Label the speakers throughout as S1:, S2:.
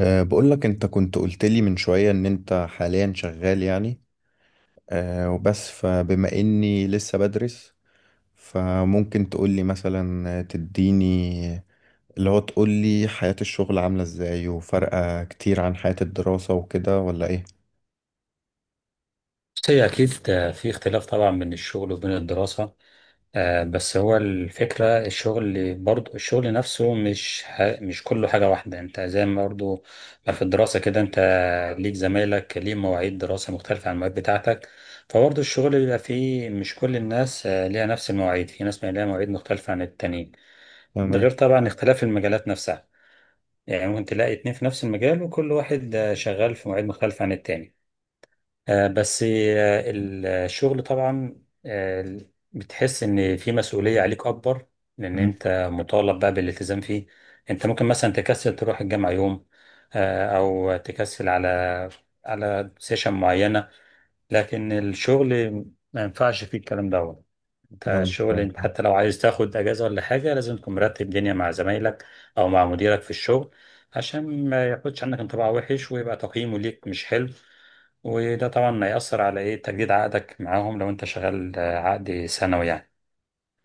S1: بقول لك، انت كنت قلت لي من شوية ان انت حاليا شغال، يعني. وبس، فبما اني لسه بدرس، فممكن تقول لي مثلا، تديني اللي هو، تقول لي حياة الشغل عاملة ازاي، وفرقة كتير عن حياة الدراسة وكده، ولا ايه؟
S2: بس هي أكيد في اختلاف طبعا بين الشغل وبين الدراسة. بس هو الفكرة الشغل برضو الشغل نفسه مش كله حاجة واحدة. انت زي ما برضو ما في الدراسة كده انت ليك زمايلك ليه مواعيد دراسة مختلفة عن المواعيد بتاعتك، فبرضو الشغل بيبقى فيه مش كل الناس ليها نفس المواعيد، في ناس بيبقى ليها مواعيد مختلفة عن التانيين. ده
S1: تمام.
S2: غير طبعا اختلاف المجالات نفسها، يعني ممكن تلاقي اتنين في نفس المجال وكل واحد شغال في مواعيد مختلفة عن التاني. آه، بس آه، الشغل طبعا، آه، بتحس ان في مسؤولية عليك اكبر، لان
S1: مم.
S2: انت مطالب بقى بالالتزام فيه. انت ممكن مثلا تكسل تروح الجامعة يوم، او تكسل على على سيشن معينة، لكن الشغل ما ينفعش فيه الكلام دوت. انت
S1: آه،
S2: الشغل انت
S1: ف-
S2: حتى لو عايز تاخد اجازه ولا حاجه لازم تكون مرتب دنيا مع زمايلك او مع مديرك في الشغل، عشان ما ياخدش عنك انطباع وحش ويبقى تقييمه ليك مش حلو. وده طبعا هيأثر على ايه تجديد عقدك معاهم لو انت شغال عقد سنوي يعني.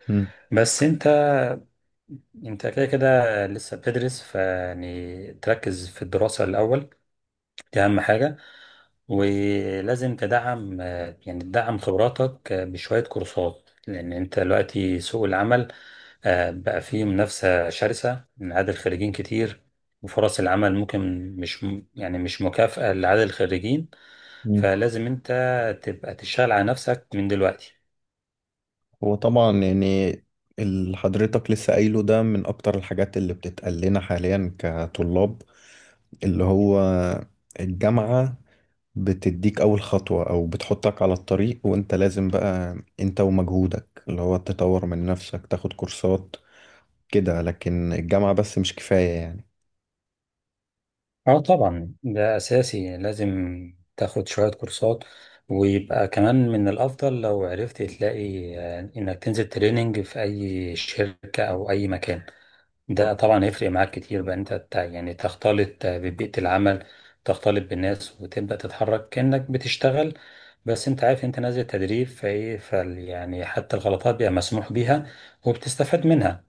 S1: مم.
S2: بس انت كده كده لسه بتدرس، فيعني تركز في الدراسه الاول، دي اهم حاجه. ولازم تدعم يعني تدعم خبراتك بشوية كورسات، لأن أنت دلوقتي سوق العمل بقى فيه منافسة شرسة من عدد الخريجين كتير، وفرص العمل ممكن مش م- يعني مش مكافأة لعدد الخريجين.
S1: مم.
S2: فلازم أنت تبقى تشتغل على نفسك من دلوقتي.
S1: هو طبعا يعني اللي حضرتك لسه قايله ده من اكتر الحاجات اللي بتتقال لنا حاليا كطلاب، اللي هو الجامعة بتديك أول خطوة، أو بتحطك على الطريق، وأنت لازم بقى أنت ومجهودك، اللي هو تطور من نفسك، تاخد كورسات كده، لكن الجامعة بس مش كفاية يعني.
S2: اه طبعا ده أساسي، لازم تاخد شوية كورسات، ويبقى كمان من الأفضل لو عرفت تلاقي إنك تنزل تريننج في أي شركة أو أي مكان. ده طبعا هيفرق معاك كتير، بقى انت يعني تختلط ببيئة العمل، تختلط بالناس وتبدأ تتحرك كأنك بتشتغل، بس انت عارف انت نازل تدريب فايه فال، يعني حتى الغلطات بيبقى مسموح بيها وبتستفاد منها.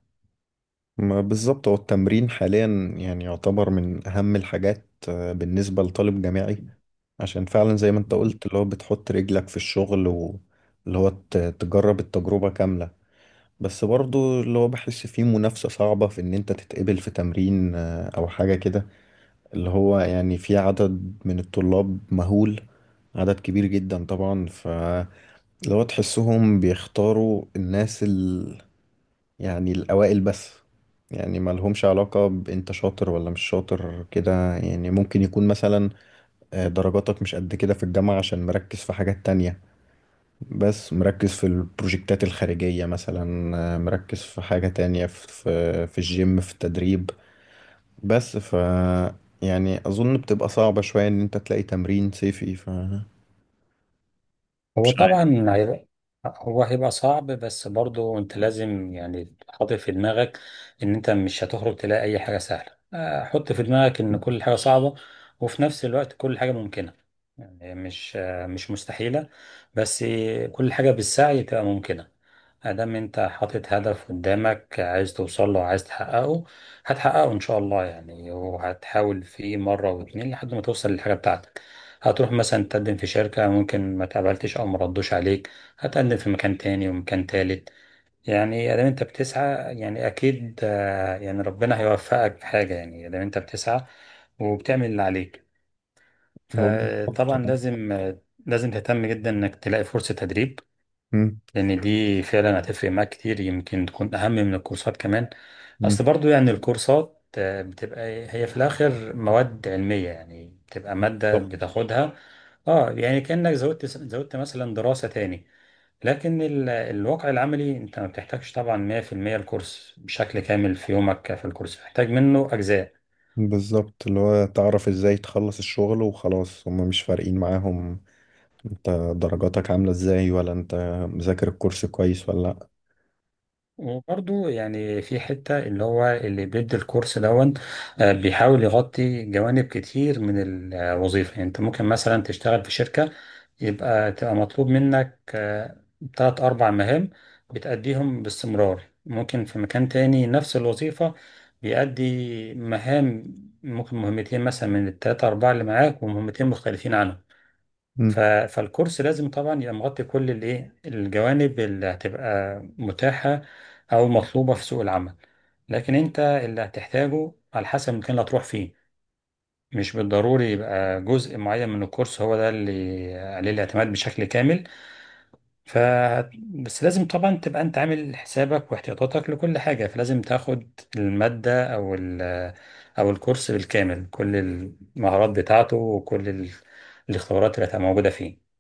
S1: ما بالظبط، هو التمرين حاليا يعني يعتبر من أهم الحاجات بالنسبة لطالب جامعي، عشان فعلا زي ما أنت قلت اللي هو بتحط رجلك في الشغل، واللي هو تجرب التجربة كاملة. بس برضو اللي هو بحس فيه منافسة صعبة، في إن أنت تتقبل في تمرين أو حاجة كده. اللي هو يعني في عدد من الطلاب مهول، عدد كبير جدا طبعا، فلو تحسهم بيختاروا الناس يعني الأوائل بس، يعني ما لهمش علاقة بأنت شاطر ولا مش شاطر كده. يعني ممكن يكون مثلا درجاتك مش قد كده في الجامعة، عشان مركز في حاجات تانية، بس مركز في البروجكتات الخارجية مثلا، مركز في حاجة تانية، في الجيم، في التدريب بس. يعني اظن بتبقى صعبة شوية ان انت تلاقي تمرين صيفي،
S2: هو
S1: مش عارف.
S2: طبعا هي- هو هيبقى صعب، بس برضو انت لازم يعني حاطط في دماغك ان انت مش هتخرج تلاقي اي حاجة سهلة. حط في دماغك ان كل حاجة صعبة، وفي نفس الوقت كل حاجة ممكنة، يعني مش مستحيلة. بس كل حاجة بالسعي تبقى ممكنة. ادام انت حاطط هدف قدامك عايز توصل له عايز تحققه، هتحققه ان شاء الله، يعني وهتحاول فيه مره واتنين لحد ما توصل للحاجه بتاعتك. هتروح مثلا تقدم في شركه ممكن ما تقبلتش او ما ردوش عليك، هتقدم في مكان تاني ومكان تالت. يعني ادام انت بتسعى يعني اكيد يعني ربنا هيوفقك في حاجه، يعني ادام انت بتسعى وبتعمل اللي عليك.
S1: هو
S2: فطبعا
S1: بالظبط.
S2: لازم لازم تهتم جدا انك تلاقي فرصه تدريب،
S1: مم.
S2: لان دي فعلا هتفرق معاك كتير، يمكن تكون اهم من الكورسات كمان.
S1: مم.
S2: اصل برضو يعني الكورسات بتبقى هي في الاخر مواد علمية، يعني بتبقى مادة
S1: بالظبط.
S2: بتاخدها. اه يعني كأنك زودت مثلا دراسة تاني، لكن الواقع العملي انت ما بتحتاجش طبعا 100% الكورس بشكل كامل في يومك، في الكورس بتحتاج منه اجزاء.
S1: بالظبط، اللي هو تعرف ازاي تخلص الشغل وخلاص، هما مش فارقين معاهم انت درجاتك عاملة ازاي، ولا انت مذاكر الكورس كويس ولا لا.
S2: وبرضو يعني في حتة اللي هو اللي بيدي الكورس دون، بيحاول يغطي جوانب كتير من الوظيفة. يعني انت ممكن مثلا تشتغل في شركة يبقى تبقى مطلوب منك تلات أربع مهام بتأديهم باستمرار، ممكن في مكان تاني نفس الوظيفة بيأدي مهام، ممكن مهمتين مثلا من التلاتة أربعة اللي معاك ومهمتين مختلفين عنهم.
S1: مم.
S2: فالكورس لازم طبعا يبقى مغطي كل الايه الجوانب اللي هتبقى متاحة او مطلوبة في سوق العمل، لكن انت اللي هتحتاجه على حسب المكان اللي هتروح فيه، مش بالضروري يبقى جزء معين من الكورس هو ده اللي عليه الاعتماد بشكل كامل. ف بس لازم طبعا تبقى انت عامل حسابك واحتياطاتك لكل حاجة، فلازم تاخد المادة او الكورس بالكامل، كل المهارات بتاعته وكل الاختبارات اللي هتبقى موجودة فيه.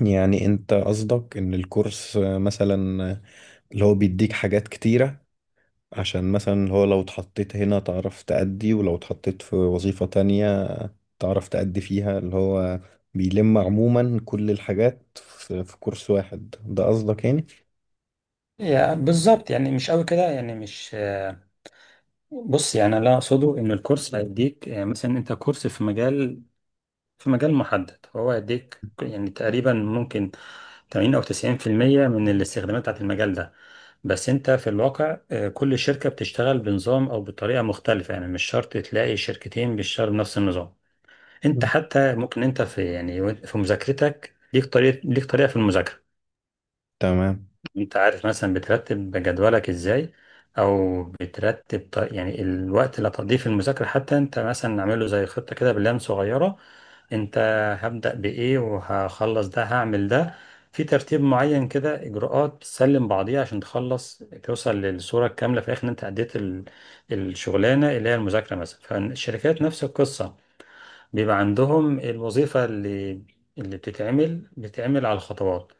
S1: يعني انت قصدك ان الكورس مثلا، اللي هو بيديك حاجات كتيرة، عشان مثلا اللي هو لو اتحطيت هنا تعرف تأدي، ولو اتحطيت في وظيفة تانية تعرف تأدي فيها، اللي هو بيلم عموما كل الحاجات في كورس واحد، ده قصدك يعني؟
S2: يا بالظبط، يعني مش قوي كده يعني مش، بص يعني اللي أنا اقصده ان الكورس هيديك، يعني مثلا انت كورس في مجال في مجال محدد، هو هيديك يعني تقريبا ممكن 80 او 90% من الاستخدامات بتاعت المجال ده. بس انت في الواقع كل شركة بتشتغل بنظام او بطريقة مختلفة، يعني مش شرط تلاقي شركتين بيشتغلوا بنفس النظام. انت
S1: مم.
S2: حتى ممكن انت في يعني في مذاكرتك ليك طريقة ليك طريقة في المذاكرة.
S1: تمام.
S2: انت عارف مثلا بترتب جدولك ازاي، او بترتب يعني الوقت اللي هتقضيه في المذاكره، حتى انت مثلا عامله زي خطه كده، بلان صغيره. انت هبدا بايه وهخلص ده هعمل ده، في ترتيب معين كده، اجراءات بتسلم بعضيها عشان تخلص توصل للصوره الكامله في الاخر ان انت اديت الشغلانه اللي هي المذاكره مثلا. فالشركات نفس القصه، بيبقى عندهم الوظيفة اللي بتتعمل على الخطوات،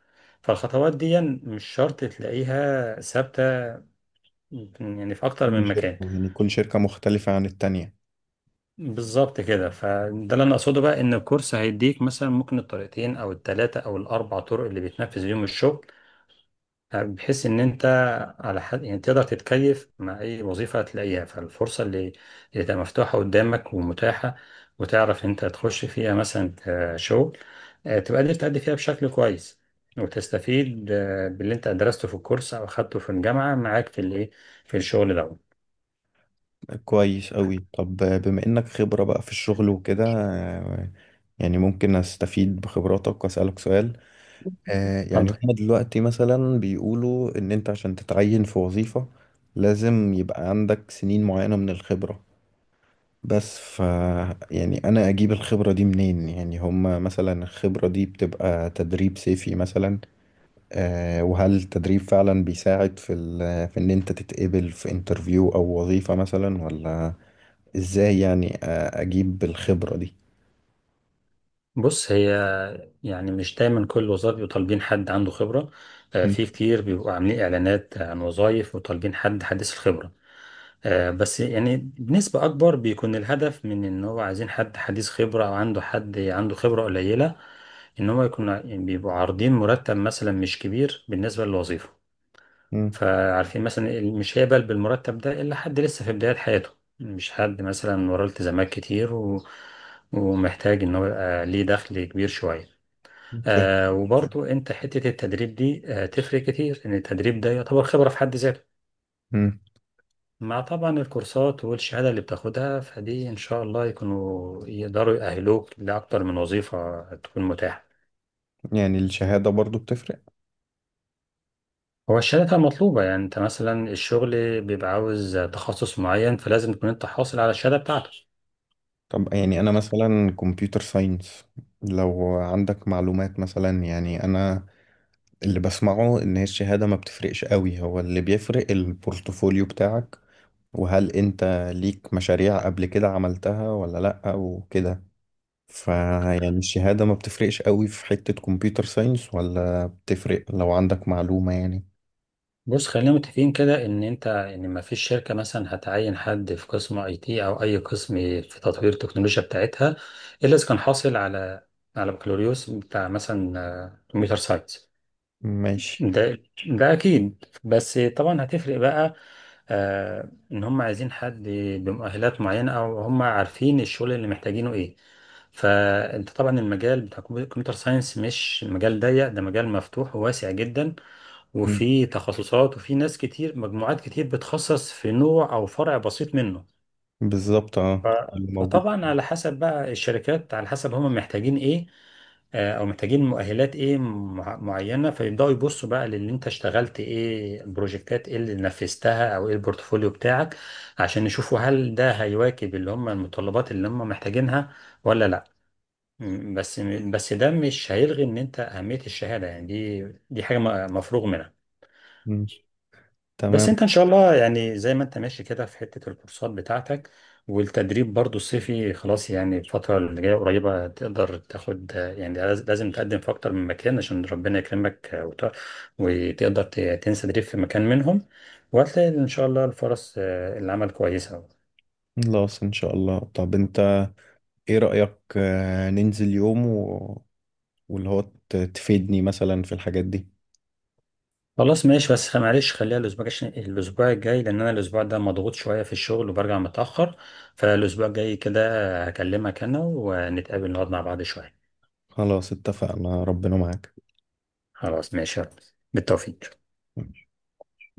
S2: فالخطوات دي مش شرط تلاقيها ثابتة يعني في أكتر
S1: كل
S2: من مكان.
S1: شركة، يعني كل شركة مختلفة عن التانية.
S2: بالظبط كده، فده اللي أنا أقصده بقى، إن الكورس هيديك مثلا ممكن الطريقتين أو التلاتة أو الأربع طرق اللي بيتنفذ بيهم الشغل، طيب، بحيث ان انت على حد يعني تقدر تتكيف مع اي وظيفه هتلاقيها، فالفرصه اللي تبقى مفتوحه قدامك ومتاحه، وتعرف انت تخش فيها مثلا كشغل، تبقى قادر تأدي فيها بشكل كويس، وتستفيد باللي انت درسته في الكورس او اخدته في الجامعه معاك في الايه، في الشغل ده.
S1: كويس أوي. طب بما إنك خبرة بقى في الشغل وكده، آه، يعني ممكن أستفيد بخبراتك وأسألك سؤال؟ يعني
S2: اتفضل.
S1: هما دلوقتي مثلا بيقولوا إن أنت عشان تتعين في وظيفة لازم يبقى عندك سنين معينة من الخبرة. بس يعني انا اجيب الخبرة دي منين؟ يعني هما مثلا الخبرة دي بتبقى تدريب صيفي مثلا؟ وهل التدريب فعلا بيساعد في في ان انت تتقبل في انترفيو او وظيفة مثلا، ولا ازاي يعني اجيب الخبرة دي؟
S2: بص هي، يعني مش دايما كل الوظائف بيبقوا طالبين حد عنده خبره،
S1: م-
S2: في كتير بيبقوا عاملين اعلانات عن وظائف وطالبين حد حديث الخبره. بس يعني بنسبة أكبر بيكون الهدف من إن هو عايزين حد حديث خبرة أو عنده حد عنده خبرة قليلة، إن هو يكون يعني بيبقوا عارضين مرتب مثلا مش كبير بالنسبة للوظيفة.
S1: م-
S2: فعارفين مثلا مش هيقبل بالمرتب ده إلا حد لسه في بداية حياته، مش حد مثلا وراه التزامات كتير و... ومحتاج إن هو يبقى ليه دخل كبير شوية.
S1: فاهم.
S2: آه وبرضو أنت حتة التدريب دي آه تفرق كتير، إن التدريب ده يعتبر خبرة في حد ذاته،
S1: م.
S2: مع طبعا الكورسات والشهادة اللي بتاخدها، فدي إن شاء الله يكونوا يقدروا يأهلوك لأكتر من وظيفة تكون متاحة.
S1: يعني الشهادة برضو بتفرق؟
S2: هو الشهادة بتبقى مطلوبة، يعني أنت مثلا الشغل بيبقى عاوز تخصص معين، فلازم تكون أنت حاصل على الشهادة بتاعتك.
S1: طب يعني انا مثلا كمبيوتر ساينس، لو عندك معلومات مثلا. يعني انا اللي بسمعه ان هي الشهادة ما بتفرقش قوي، هو اللي بيفرق البورتفوليو بتاعك، وهل انت ليك مشاريع قبل كده عملتها، ولا لأ وكده. فيعني الشهادة ما بتفرقش قوي في حتة كمبيوتر ساينس، ولا بتفرق لو عندك معلومة يعني؟
S2: بص خلينا متفقين كده إن أنت إن ما فيش شركة مثلا هتعين حد في قسم أي تي أو أي قسم في تطوير التكنولوجيا بتاعتها، إلا إذا كان حاصل على على بكالوريوس بتاع مثلا كمبيوتر ساينس.
S1: ماشي.
S2: ده ده اكيد، بس طبعا هتفرق بقى، آه ان هم عايزين حد بمؤهلات معينه، او هم عارفين الشغل اللي محتاجينه ايه. فانت طبعا المجال بتاع الكمبيوتر ساينس مش مجال ضيق، ده مجال مفتوح وواسع جدا،
S1: مم.
S2: وفي تخصصات وفي ناس كتير مجموعات كتير بتخصص في نوع او فرع بسيط منه.
S1: بالظبط،
S2: ف-
S1: اه. اللي موجود.
S2: فطبعا على حسب بقى الشركات، على حسب هم محتاجين ايه، او محتاجين مؤهلات ايه معينه، فيبداوا يبصوا بقى للي انت اشتغلت ايه، البروجكتات ايه اللي نفذتها، او ايه البورتفوليو بتاعك، عشان يشوفوا هل ده هيواكب اللي هم المتطلبات اللي هم محتاجينها ولا لا. بس ده مش هيلغي ان انت اهميه الشهاده، يعني دي حاجه مفروغ منها.
S1: مم. تمام.
S2: بس انت ان شاء الله يعني زي ما انت ماشي كده في حتة الكورسات بتاعتك والتدريب برضو الصيفي خلاص، يعني الفترة اللي جاية قريبة تقدر تاخد، يعني لازم تقدم في اكتر من مكان عشان ربنا يكرمك، وتقدر تنسى تدريب في مكان منهم، وهتلاقي ان شاء الله الفرص العمل كويسة.
S1: خلاص ان شاء الله. طب انت ايه رأيك ننزل يوم واللي هو تفيدني مثلا في الحاجات دي؟
S2: خلاص ماشي، بس معلش خليها الاسبوع، عشان الاسبوع الجاي، لان انا الاسبوع ده مضغوط شوية في الشغل وبرجع متأخر، فالاسبوع الجاي كده هكلمك انا ونتقابل نقعد مع بعض شوية.
S1: خلاص اتفقنا، ربنا معاك.
S2: خلاص ماشي يا رب. بالتوفيق.
S1: م.